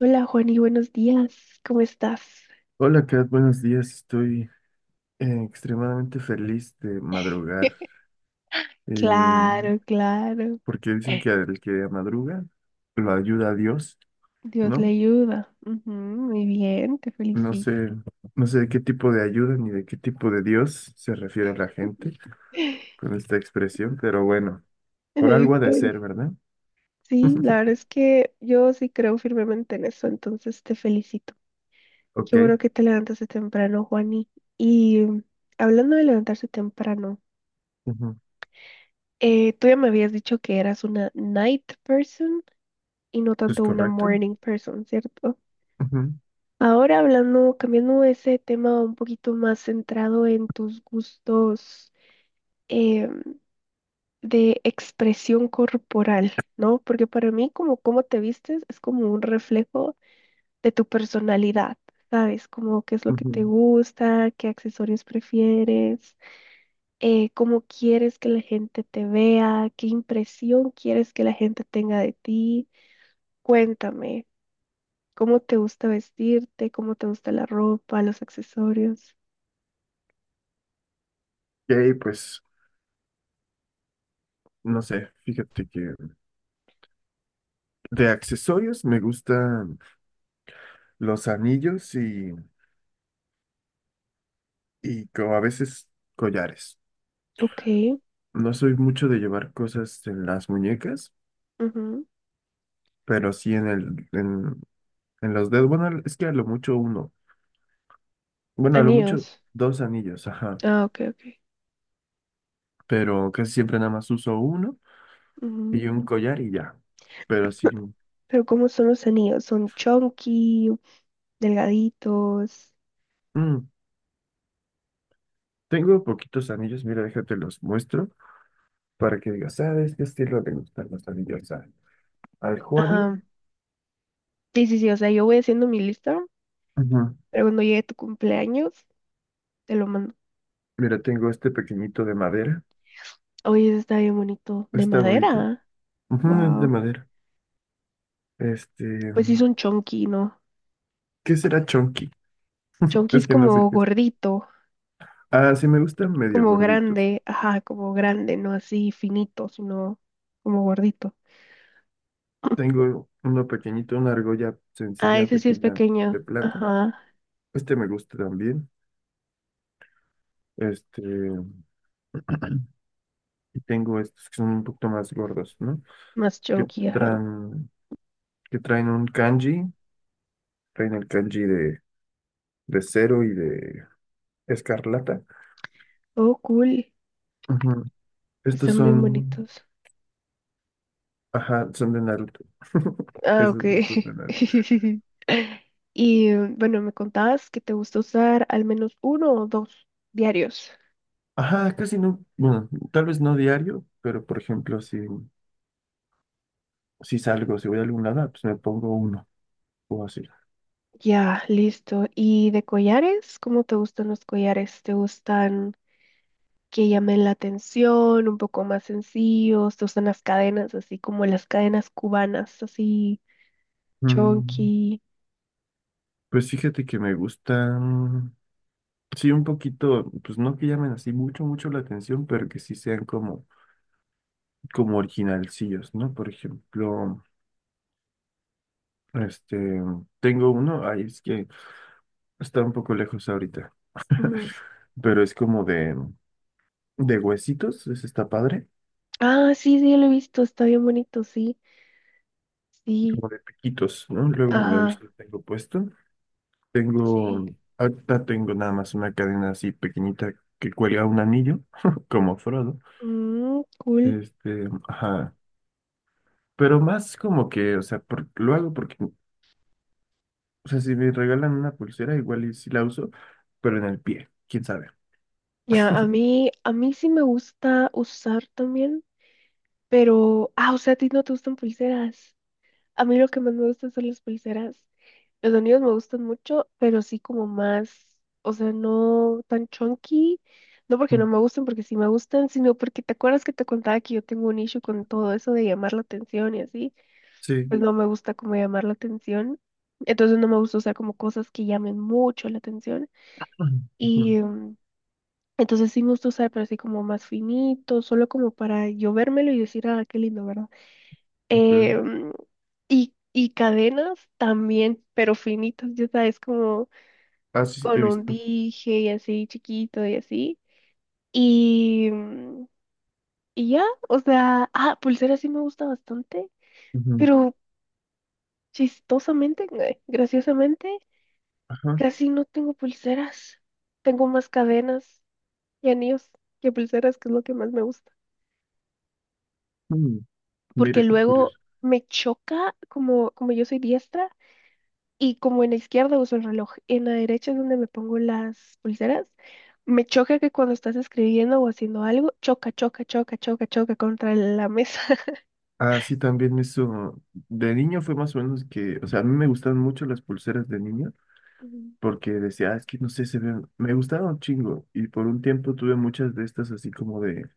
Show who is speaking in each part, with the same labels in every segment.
Speaker 1: Hola Juan y buenos días, ¿cómo estás?
Speaker 2: Hola Kat, buenos días. Estoy extremadamente feliz de madrugar, eh,
Speaker 1: Claro, claro.
Speaker 2: porque dicen que al que madruga lo ayuda a Dios,
Speaker 1: Dios le
Speaker 2: ¿no?
Speaker 1: ayuda. Ujú, muy bien, te
Speaker 2: No sé,
Speaker 1: felicito.
Speaker 2: no sé de qué tipo de ayuda ni de qué tipo de Dios se refiere la gente con esta expresión, pero bueno, por
Speaker 1: Ay,
Speaker 2: algo ha de
Speaker 1: Juan.
Speaker 2: ser, ¿verdad?
Speaker 1: Sí, la verdad es que yo sí creo firmemente en eso, entonces te felicito. Qué
Speaker 2: Ok,
Speaker 1: bueno que te levantaste temprano, Juani. Y hablando de levantarse temprano,
Speaker 2: ujú.
Speaker 1: tú ya me habías dicho que eras una night person y no
Speaker 2: ¿Es
Speaker 1: tanto una
Speaker 2: correcto?
Speaker 1: morning person, ¿cierto?
Speaker 2: Ujú,
Speaker 1: Ahora hablando, cambiando ese tema un poquito más centrado en tus gustos, eh, de expresión corporal, ¿no? Porque para mí como cómo te vistes es como un reflejo de tu personalidad, ¿sabes? Como qué es lo que te
Speaker 2: ujú.
Speaker 1: gusta, qué accesorios prefieres, cómo quieres que la gente te vea, qué impresión quieres que la gente tenga de ti. Cuéntame, ¿cómo te gusta vestirte? ¿Cómo te gusta la ropa, los accesorios?
Speaker 2: Ok, pues no sé, fíjate que de accesorios me gustan los anillos y como a veces collares.
Speaker 1: Ok.
Speaker 2: No soy mucho de llevar cosas en las muñecas,
Speaker 1: Ujú.
Speaker 2: pero sí en los dedos. Bueno, es que a lo mucho uno. Bueno, a lo mucho
Speaker 1: Anillos.
Speaker 2: dos anillos, ajá.
Speaker 1: Ah, ok, ok.
Speaker 2: Pero casi siempre nada más uso uno
Speaker 1: Ujú.
Speaker 2: y un collar y ya. Pero sí.
Speaker 1: Pero ¿cómo son los anillos? ¿Son chunky, delgaditos?
Speaker 2: mm, Tengo poquitos anillos, mira, déjate los muestro para que digas, ¿sabes qué estilo le gustan los anillos a- al Juani?
Speaker 1: Ah, sí, sí, sí. O sea, yo voy haciendo mi lista,
Speaker 2: Ujú.
Speaker 1: pero cuando llegue tu cumpleaños, te lo mando.
Speaker 2: Mira, tengo este pequeñito de madera.
Speaker 1: Oye, ese está bien bonito. De
Speaker 2: Está bonito.
Speaker 1: madera.
Speaker 2: Ujú, es de
Speaker 1: Wow.
Speaker 2: madera. Este.
Speaker 1: Pues sí, son chunky, ¿no?
Speaker 2: ¿Qué será chunky?
Speaker 1: Chonky es
Speaker 2: Es que no sé
Speaker 1: como
Speaker 2: qué es.
Speaker 1: gordito,
Speaker 2: Ah, sí, me gustan medio
Speaker 1: como
Speaker 2: gorditos.
Speaker 1: grande, ajá, como grande, no así finito, sino como gordito.
Speaker 2: Tengo uno pequeñito, una argolla
Speaker 1: Ah,
Speaker 2: sencilla,
Speaker 1: ese sí es
Speaker 2: pequeña de
Speaker 1: pequeño,
Speaker 2: plata.
Speaker 1: ajá,
Speaker 2: Este me gusta también. Este, y tengo estos que son un poquito más gordos, ¿no?
Speaker 1: más
Speaker 2: Que
Speaker 1: chonky, ajá.
Speaker 2: traen, que traen un kanji, traen el kanji de cero y de escarlata.
Speaker 1: Oh, cool,
Speaker 2: Ujú. Estos
Speaker 1: están bien
Speaker 2: son,
Speaker 1: bonitos.
Speaker 2: ajá, son de Naruto.
Speaker 1: Ah, ok.
Speaker 2: Esos dos son de Naruto.
Speaker 1: Y bueno, me contabas que te gusta usar al menos uno o dos diarios.
Speaker 2: Ajá, casi no, bueno, tal vez no diario, pero por ejemplo, si salgo, si voy a algún lado, pues me pongo uno o así.
Speaker 1: Ya, listo. ¿Y de collares? ¿Cómo te gustan los collares? ¿Te gustan que llamen la atención, un poco más sencillos, se usan las cadenas, así como las cadenas cubanas, así
Speaker 2: Mm,
Speaker 1: chonky?
Speaker 2: pues fíjate que me gustan, sí, un poquito, pues no que llamen así mucho, mucho la atención, pero que sí sean como, como originalcillos, ¿no? Por ejemplo, este, tengo uno, ahí es que está un poco lejos ahorita,
Speaker 1: Ujú.
Speaker 2: pero es como de huesitos, ese está padre,
Speaker 1: Ah, sí, sí, lo he visto, está bien bonito, sí, sí,
Speaker 2: como de piquitos, ¿no? Luego me lo
Speaker 1: ajá,
Speaker 2: tengo puesto.
Speaker 1: sí.
Speaker 2: Tengo, ahorita tengo nada más una cadena así pequeñita que cuelga un anillo, como Frodo.
Speaker 1: Mm, cool.
Speaker 2: Este, ajá. Pero más como que, o sea, por- lo hago porque, o sea, si me regalan una pulsera, igual y sí la uso, pero en el pie, quién sabe.
Speaker 1: Ya, a mí sí me gusta usar también, pero, ah, o sea, a ti no te gustan pulseras. A mí lo que más me gusta son las pulseras. Los sonidos me gustan mucho, pero sí como más, o sea, no tan chunky, no porque
Speaker 2: Mm.
Speaker 1: no me gusten, porque sí me gustan, sino porque te acuerdas que te contaba que yo tengo un issue con todo eso de llamar la atención y así,
Speaker 2: Sí.
Speaker 1: pues no me gusta como llamar la atención, entonces no me gusta usar como cosas que llamen mucho la atención
Speaker 2: Ujú,
Speaker 1: y entonces sí me gusta usar, pero así como más finito, solo como para yo vérmelo y decir, ah, qué lindo, ¿verdad?
Speaker 2: ok.
Speaker 1: Eh, mm, y cadenas también, pero finitas, ya sabes, como...
Speaker 2: Ah, sí, sí te he
Speaker 1: con un
Speaker 2: visto.
Speaker 1: dije y así chiquito y así. Y, y ya, o sea, ah, pulsera sí me gusta bastante,
Speaker 2: Ujú.
Speaker 1: pero chistosamente, graciosamente,
Speaker 2: Ajá.
Speaker 1: casi no tengo pulseras. Tengo más cadenas y anillos que pulseras, que es lo que más me gusta.
Speaker 2: Mm.
Speaker 1: Porque
Speaker 2: Mira qué
Speaker 1: luego
Speaker 2: curioso.
Speaker 1: me choca, como, como yo soy diestra. Y como en la izquierda uso el reloj, en la derecha es donde me pongo las pulseras. Me choca que cuando estás escribiendo o haciendo algo, choca, choca, choca, choca, choca contra la mesa.
Speaker 2: Ah, sí, también eso. De niño fue más o menos que, o sea, a mí me gustaban mucho las pulseras de niño,
Speaker 1: Mm.
Speaker 2: porque decía, "Ah, es que no sé, se ve, me gustaba un chingo." Y por un tiempo tuve muchas de estas así como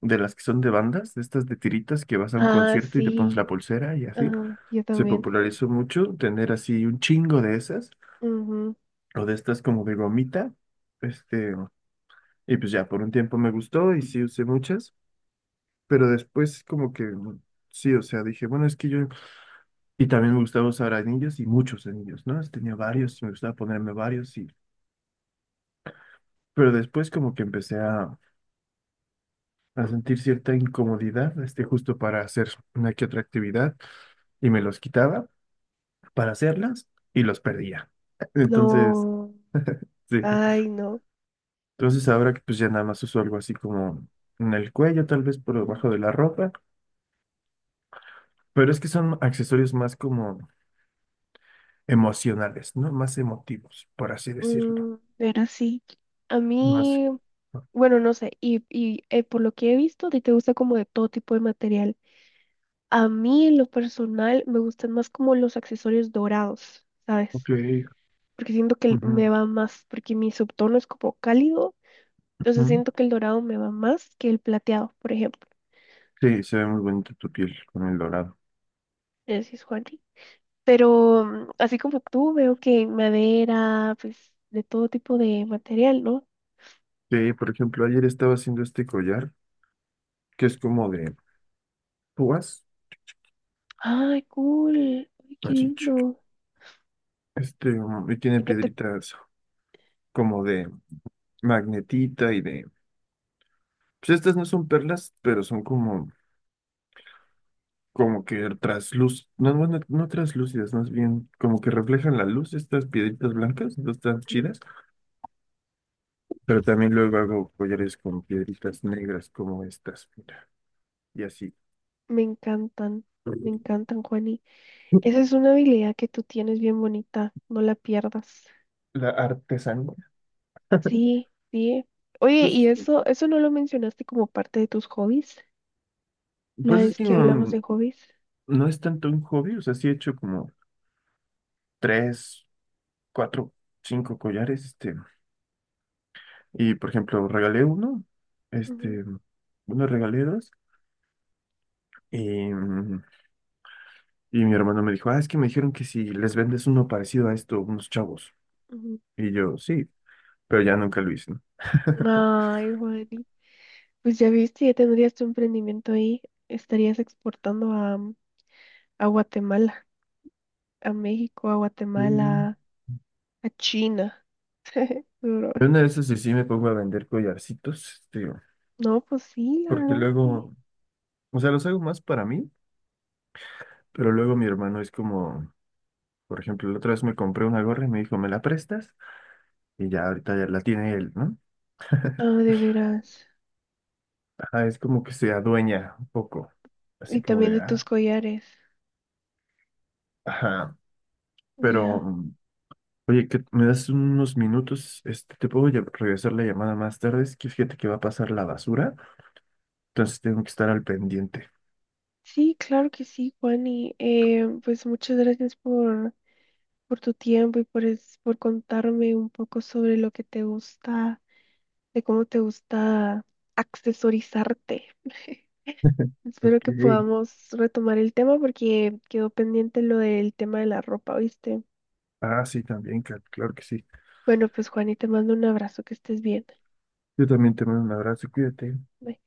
Speaker 2: de las que son de bandas, de estas de tiritas que vas a un
Speaker 1: Ah,
Speaker 2: concierto y te pones la
Speaker 1: sí.
Speaker 2: pulsera y así.
Speaker 1: Ajá, yo
Speaker 2: Se
Speaker 1: también.
Speaker 2: popularizó mucho tener así un chingo de esas,
Speaker 1: Ujú.
Speaker 2: o de estas como de gomita, este, y pues ya, por un tiempo me gustó y sí usé muchas, pero después como que... sí, o sea, dije, bueno, es que yo... Y también me gustaba usar anillos y muchos anillos, ¿no? Tenía varios, me gustaba ponerme varios y... Pero después como que a sentir cierta incomodidad, este, justo para hacer una que otra actividad, y me los quitaba para hacerlas y los perdía. Entonces,
Speaker 1: No.
Speaker 2: sí.
Speaker 1: Ay, no.
Speaker 2: Entonces ahora que pues ya nada más uso algo así como en el cuello, tal vez por
Speaker 1: Mm,
Speaker 2: debajo de la ropa, pero es que son accesorios más como emocionales, ¿no? Más emotivos, por así decirlo.
Speaker 1: pero sí. A
Speaker 2: Más.
Speaker 1: mí,
Speaker 2: Ah.
Speaker 1: bueno, no sé. Y por lo que he visto, a ti te gusta como de todo tipo de material. A mí, en lo personal, me gustan más como los accesorios dorados,
Speaker 2: Ok.
Speaker 1: ¿sabes? Porque siento que el- me
Speaker 2: Ujú,
Speaker 1: va más, porque mi subtono es como cálido, entonces
Speaker 2: ujú.
Speaker 1: siento que el dorado me va más que el plateado, por ejemplo,
Speaker 2: Sí, se ve muy bonito tu piel con el dorado.
Speaker 1: decís Juanri. Pero así como tú, veo que madera, pues de todo tipo de material, ¿no?
Speaker 2: Sí, por ejemplo, ayer estaba haciendo este collar que es como de púas.
Speaker 1: Ay, cool, ay, qué
Speaker 2: Así, chic.
Speaker 1: lindo.
Speaker 2: Este, y tiene
Speaker 1: Y no te,
Speaker 2: piedritas como de magnetita y de... Pues estas no son perlas, pero son como, como que trasluz... No, no, no, no translúcidas, más bien como que reflejan la luz, estas piedritas blancas, no están chidas. Pero también luego hago collares con piedritas negras como estas, mira. Y así.
Speaker 1: me encantan, me encantan, Juani. Esa es una habilidad que tú tienes bien bonita, no la pierdas.
Speaker 2: La artesanía.
Speaker 1: Sí, sí. Oye,
Speaker 2: Pues
Speaker 1: y
Speaker 2: es que,
Speaker 1: eso no lo mencionaste como parte de tus hobbies, la
Speaker 2: pues es
Speaker 1: vez
Speaker 2: que
Speaker 1: que hablamos
Speaker 2: no,
Speaker 1: de hobbies.
Speaker 2: no es tanto un hobby, o sea, sí he hecho como tres, cuatro, cinco collares, este... Y, por ejemplo, regalé uno,
Speaker 1: Ujú,
Speaker 2: este, bueno, regalé dos. Y, y mi hermano me dijo, ah, es que me dijeron que si les vendes uno parecido a esto, unos chavos.
Speaker 1: ujú.
Speaker 2: Y yo, sí, pero ya nunca lo hice, ¿no?
Speaker 1: Ay, Juani, pues ya viste, ya tendrías tu emprendimiento ahí, estarías exportando a, a Guatemala, a México, a
Speaker 2: Mm.
Speaker 1: Guatemala, a China. Pero,
Speaker 2: En una de esas sí, sí me pongo a vender collarcitos, tío,
Speaker 1: no, pues sí, la
Speaker 2: porque
Speaker 1: verdad, sí.
Speaker 2: luego, o sea, los hago más para mí, pero luego mi hermano es como, por ejemplo, la otra vez me compré una gorra y me dijo, ¿me la prestas? Y ya ahorita ya la tiene él, ¿no?
Speaker 1: Ah, de veras.
Speaker 2: Ajá, es como que se adueña un poco, así
Speaker 1: Y
Speaker 2: como
Speaker 1: también
Speaker 2: de,
Speaker 1: de tus
Speaker 2: ah,
Speaker 1: collares.
Speaker 2: ajá. Pero,
Speaker 1: Ya.
Speaker 2: oye, que me das unos minutos, este, te puedo lle- regresar la llamada más tarde, es que fíjate que va a pasar la basura, entonces tengo que estar al pendiente.
Speaker 1: Sí, claro que sí, Juani. Pues muchas gracias por tu tiempo y por, es- por contarme un poco sobre lo que te gusta, de cómo te gusta accesorizarte. Espero
Speaker 2: Ok.
Speaker 1: que podamos retomar el tema porque quedó pendiente lo del tema de la ropa, ¿viste?
Speaker 2: Ah, sí, también, ca- claro que sí.
Speaker 1: Bueno, pues Juani, te mando un abrazo, que estés bien.
Speaker 2: Yo también te mando un abrazo, cuídate.
Speaker 1: Bye.